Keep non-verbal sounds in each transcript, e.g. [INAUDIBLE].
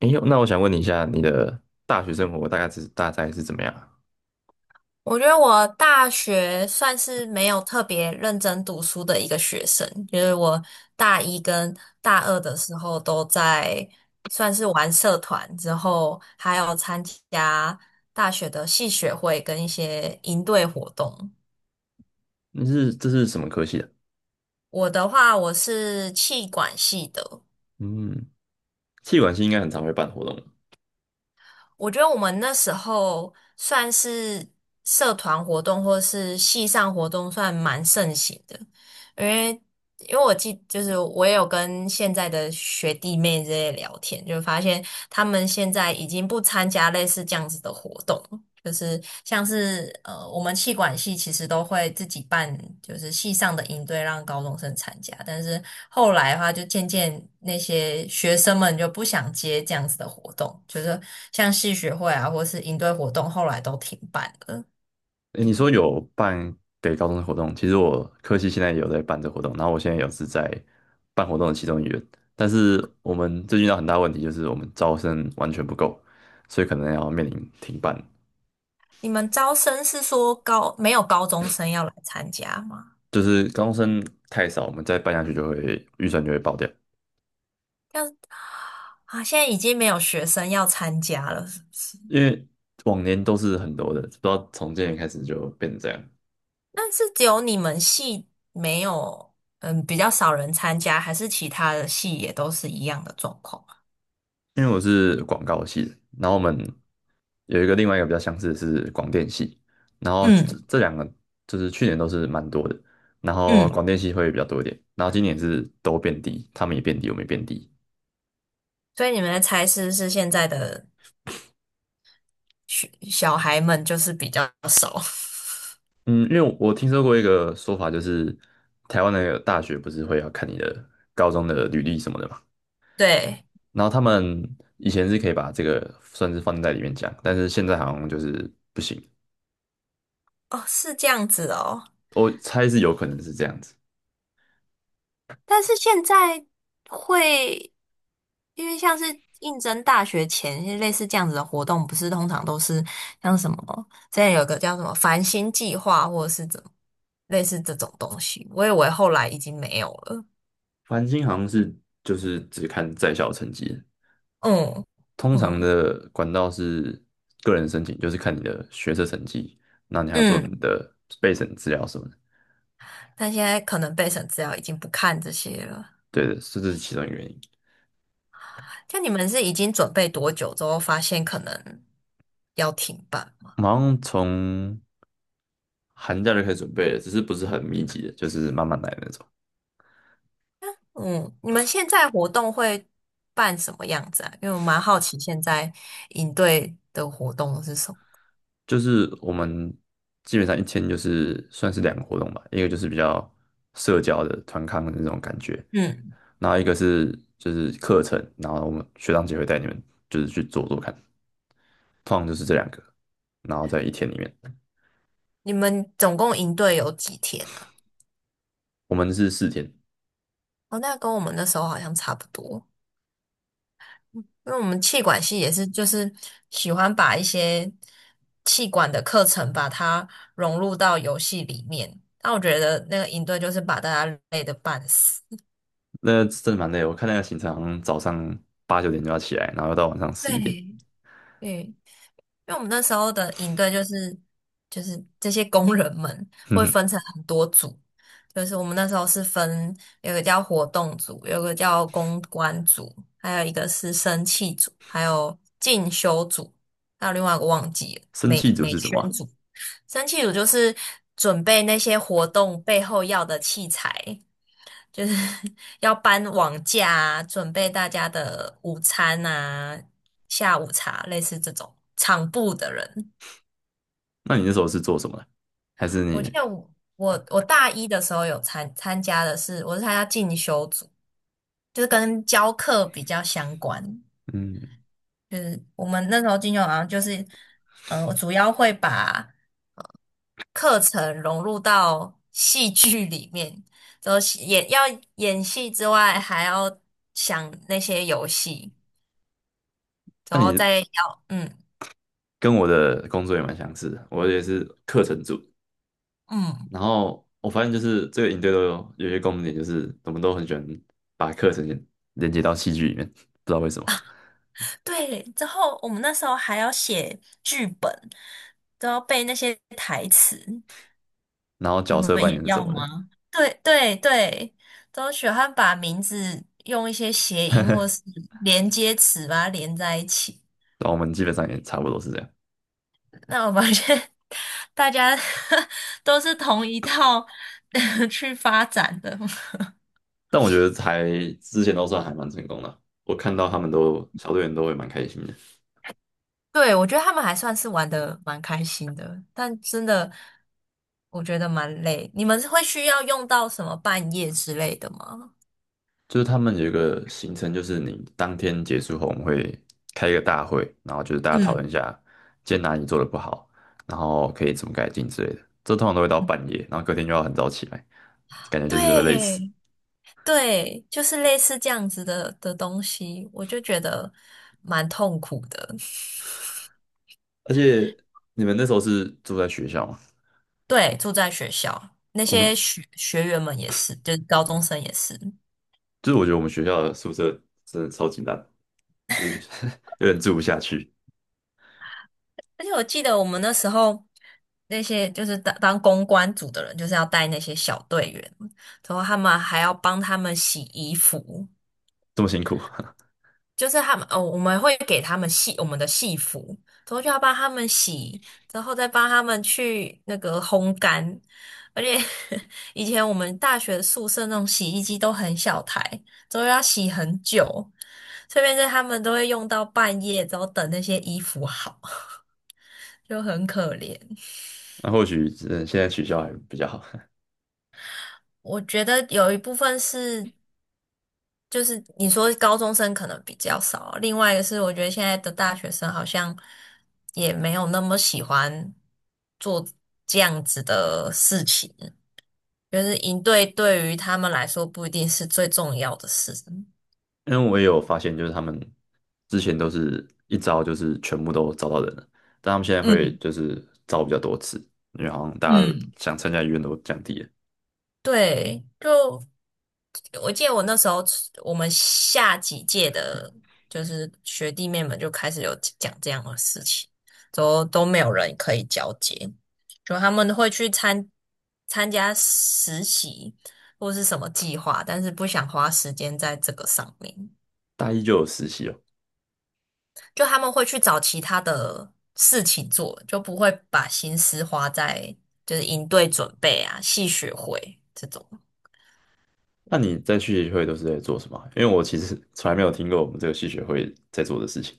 哎呦，那我想问你一下，你的大学生活大概是怎么样啊？我觉得我大学算是没有特别认真读书的一个学生，就是我大一跟大二的时候都在算是玩社团，之后还有参加大学的系学会跟一些营队活动。这是什么科系的？我的话，我是气管系的，嗯，气管系应该很常会办活动。我觉得我们那时候算是社团活动或是系上活动，算蛮盛行的。因为因为就是我也有跟现在的学弟妹这些聊天，就发现他们现在已经不参加类似这样子的活动。就是像是我们气管系其实都会自己办，就是系上的营队让高中生参加，但是后来的话，就渐渐那些学生们就不想接这样子的活动，就是像系学会啊，或是营队活动，后来都停办了。哎，你说有办给高中的活动，其实我科系现在也有在办这活动，然后我现在也是在办活动的其中一员，但是我们最近遇到很大问题，就是我们招生完全不够，所以可能要面临停办，你们招生是说没有高中生要来参加吗？就是高中生太少，我们再办下去就会预算就会爆掉，啊，现在已经没有学生要参加了，是不是？因为往年都是很多的，不知道从今年开始就变成这样。那是只有你们系没有，嗯，比较少人参加，还是其他的系也都是一样的状况啊？因为我是广告系的，然后我们有一个另外一个比较相似的是广电系，然后这嗯这两个就是去年都是蛮多的，然后嗯，广电系会比较多一点，然后今年是都变低，他们也变低，我们也变低。所以你们的才师是现在的学小孩们就是比较少。嗯，因为我听说过一个说法，就是台湾的大学不是会要看你的高中的履历什么的嘛，[LAUGHS] 对。然后他们以前是可以把这个算是放在里面讲，但是现在好像就是不行，哦，是这样子哦。我猜是有可能是这样子。但是现在会，因为像是应征大学前类似这样子的活动，不是通常都是像什么，之前有个叫什么繁星计划，或者是怎么类似这种东西，我以为后来已经没有了。繁星好像是就是只看在校成绩，嗯通常嗯的管道是个人申请，就是看你的学测成绩，那你还要做你嗯，的备审资料什么的。但现在可能备审资料已经不看这些了。对的，是这是其中一个原因。像你们是已经准备多久之后发现可能要停办？我们好像从寒假就开始准备了，只是不是很密集的，就是慢慢来的那种。嗯，你们现在活动会办什么样子啊？因为我蛮好奇现在营队的活动是什么。就是我们基本上一天就是算是两个活动吧，一个就是比较社交的团康的那种感觉，嗯，然后一个是就是课程，然后我们学长姐会带你们就是去做做看。通常就是这两个，然后在一天里面，你们总共营队有几天啊？我们是4天，哦，那跟我们那时候好像差不多，因为我们气管系也是就是喜欢把一些气管的课程把它融入到游戏里面。那我觉得那个营队就是把大家累得半死。那真的蛮累的，我看那个行程好像早上8、9点就要起来，然后到晚上十对，一点。[LAUGHS] 对，因为我们那时候的营队就是这些工人们哼会哼，分成很多组，就是我们那时候是分有个叫活动组，有个叫公关组，还有一个是生气组，还有进修组，还有另外一个忘记了生气美组美是什么啊？宣组。生气组就是准备那些活动背后要的器材，就是 [LAUGHS] 要搬网架啊准备大家的午餐啊、下午茶，类似这种场部的人。那你那时候是做什么的？还是我记你，得我大一的时候有参加的是，我是参加进修组，就是跟教课比较相关。嗯，就是我们那时候进修好像就是，主要会把呃课程融入到戏剧里面，就是演要演戏之外，还要想那些游戏，那然后你再要跟我的工作也蛮相似的，我也是课程组。嗯。然后我发现就是这个营队都有些共同点，就是我们都很喜欢把课程连接到戏剧里面，不知道为什么。对，之后我们那时候还要写剧本，都要背那些台词，然后你角们色扮也演是要什么的，吗？[LAUGHS] 对对对，都喜欢把名字用一些谐音或是连接词把它连在一起。然后我们基本上也差不多是这样。那我发现 [LAUGHS] 大家 [LAUGHS] 都是同一套 [LAUGHS] 去发展的。但我觉得之前都算还蛮成功的啊。我看到他们都小队员都会蛮开心的，对，我觉得他们还算是玩的蛮开心的，但真的我觉得蛮累。你们会需要用到什么半夜之类的吗？就是他们有一个行程，就是你当天结束后，我们会开一个大会，然后就是大家讨论一嗯，下今天哪里做的不好，然后可以怎么改进之类的。这通常都会到半夜，然后隔天就要很早起来，感觉就是会累死。对对，就是类似这样子的东西，我就觉得蛮痛苦的。[LAUGHS] 而且你们那时候是住在学校吗？对，住在学校，那我们些学学员们也是，就是高中生也是。就是我觉得我们学校的宿舍真的超级烂，就是 [LAUGHS] 有点住不下去，而且我记得我们那时候那些就是当公关组的人，就是要带那些小队员，然后他们还要帮他们洗衣服，这么辛苦。就是他们哦，我们会给他们我们的戏服，然后就要帮他们洗，然后再帮他们去那个烘干。而且 [LAUGHS] 以前我们大学宿舍那种洗衣机都很小台，都要洗很久，这边是他们都会用到半夜，然后等那些衣服好，[LAUGHS] 就很可怜。那或许现在取消还比较好，我觉得有一部分是，就是你说高中生可能比较少，另外一个是我觉得现在的大学生好像也没有那么喜欢做这样子的事情，就是营队对于他们来说不一定是最重要的事。[LAUGHS] 因为我也有发现，就是他们之前都是一招就是全部都招到人了，但他们现在会嗯就是招比较多次，因为好像大家嗯，想参加意愿都降低了。对，就我记得我那时候我们下几届的，就是学弟妹们就开始有讲这样的事情，都没有人可以交接，就他们会去参加实习或是什么计划，但是不想花时间在这个上面，大一就有实习哦，就他们会去找其他的事情做，就不会把心思花在就是营队准备啊、系学会这种。那你在系学会都是在做什么啊？因为我其实 [LAUGHS] 从来没有听过我们这个系学会在做的事情，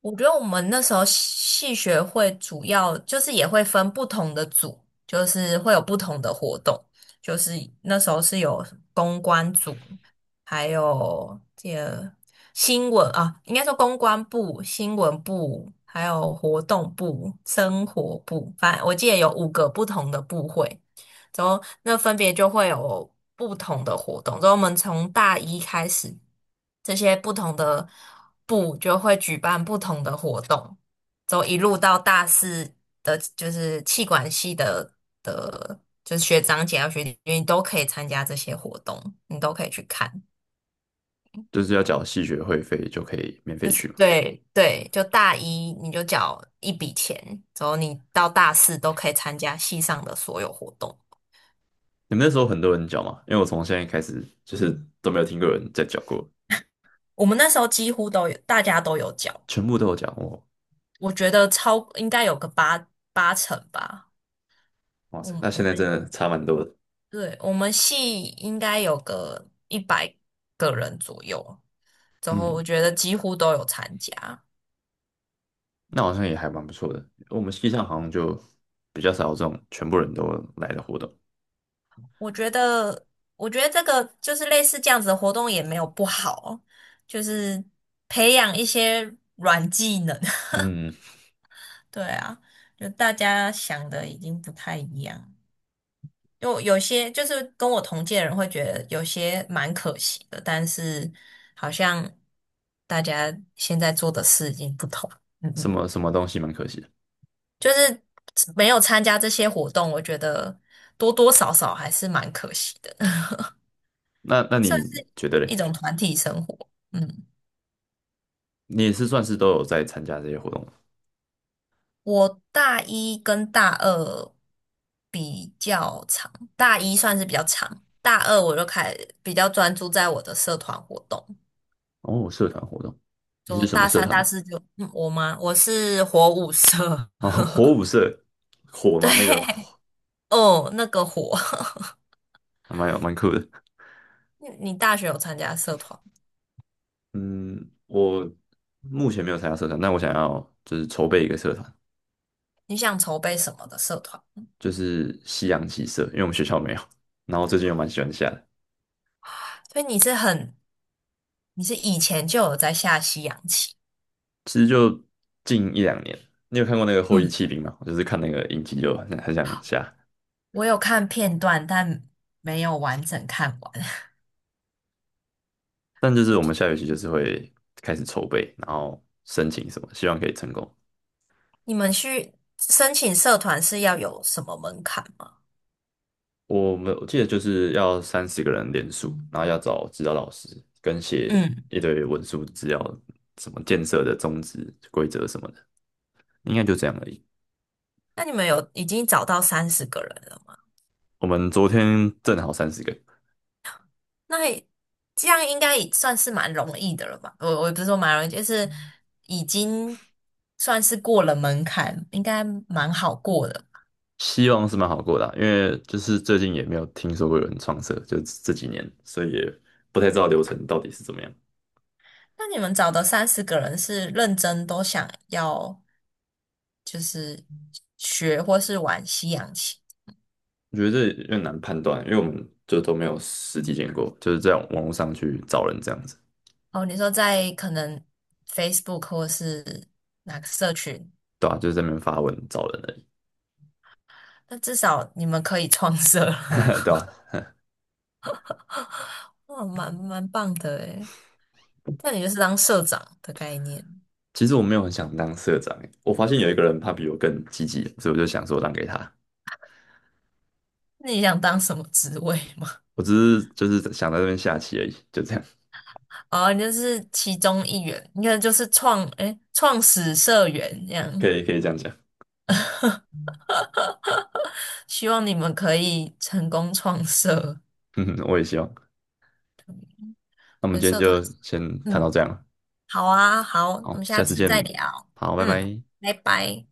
我觉得我们那时候系学会主要就是也会分不同的组，就是会有不同的活动，就是那时候是有公关组，还有这个新闻啊，应该说公关部、新闻部，还有活动部、生活部，反正我记得有五个不同的部会。之后那分别就会有不同的活动。之后我们从大一开始，这些不同的部就会举办不同的活动，之后一路到大四的，就是气管系的，就是学长姐啊学弟，你都可以参加这些活动，你都可以去看。就是要缴系学会费就可以免费就是去嘛。对对，就大一你就缴一笔钱，之后你到大四都可以参加系上的所有活动。你们那时候很多人缴嘛？因为我从现在开始就是都没有听过有人在缴过，我们那时候几乎都有，大家都有缴。全部都有缴哦。我觉得超应该有个八成吧。哇我塞，们那我现在真们的差蛮多的。对我们系应该有个100个人左右，然后我嗯，觉得几乎都有参加。那好像也还蛮不错的。我们系上好像就比较少有这种全部人都来的活动。我觉得我觉得这个就是类似这样子的活动也没有不好，就是培养一些软技能。[LAUGHS] 嗯，对啊，就大家想的已经不太一样。有些就是跟我同届的人会觉得有些蛮可惜的，但是好像大家现在做的事已经不同。嗯什嗯，么什么东西蛮可惜的。就是没有参加这些活动，我觉得多多少少还是蛮可惜的，[LAUGHS] 那算你是觉得一嘞？种团体生活。嗯，你也是算是都有在参加这些活动吗？我大一跟大二比较长，大一算是比较长，大二我就比较专注在我的社团活动。哦，社团活动，你是就什么大社三、团大呢？四就，我吗？我是火舞社。哦，火舞社，[LAUGHS] 火吗？那个对。火哦，那个火。还蛮酷的。[LAUGHS] 你大学有参加社团？嗯，我目前没有参加社团，但我想要就是筹备一个社团，你想筹备什么的社团？就是西洋棋社，因为我们学校没有。然后最近又蛮喜欢下的。所以你是很，你是以前就有在下西洋棋。其实就近1、2年，你有看过那个《后翼嗯，弃兵》吗？我就是看那个影集就很想下，我有看片段，但没有完整看完。但就是我们下学期就是会开始筹备，然后申请什么，希望可以成功。[LAUGHS] 你们去申请社团是要有什么门槛吗？我记得就是要30个人联署，然后要找指导老师跟写嗯，一堆文书资料，什么建设的宗旨、规则什么的，应该就这样而已。那你们有已经找到三十个人了吗？我们昨天正好三十个，那也这样应该也算是蛮容易的了吧？我也不是说蛮容易，就是已经算是过了门槛，应该蛮好过的。希望是蛮好过的啊，因为就是最近也没有听说过有人创社，就这几年，所以也不太知道流程到底是怎么样。那你们找的三十个人是认真都想要就是学或是玩西洋棋我觉得这有点难判断啊，因为我们就都没有实际见过，就是在网络上去找人这样子，哦？你说在可能 Facebook 或是哪个社群，对啊？就是在那边发文找人而已，那至少你们可以创社。[LAUGHS] 对啊？[LAUGHS] 哇，蛮棒的诶。那你就是当社长的概念。其实我没有很想当社长欸，我发现有一个人他比我更积极，所以我就想说让给他。那你想当什么职位吗？我只是就是想在这边下棋而已，就这样，哦，你就是其中一员，应该就是诶，创始社员这可样。以可以这样讲，希望你们可以成功创社，[LAUGHS] 嗯，我也希望。那我们跟今天社团。就先谈到嗯，这样了，好啊，好，我好，们下下次次再见，聊。好，拜嗯，拜。拜拜。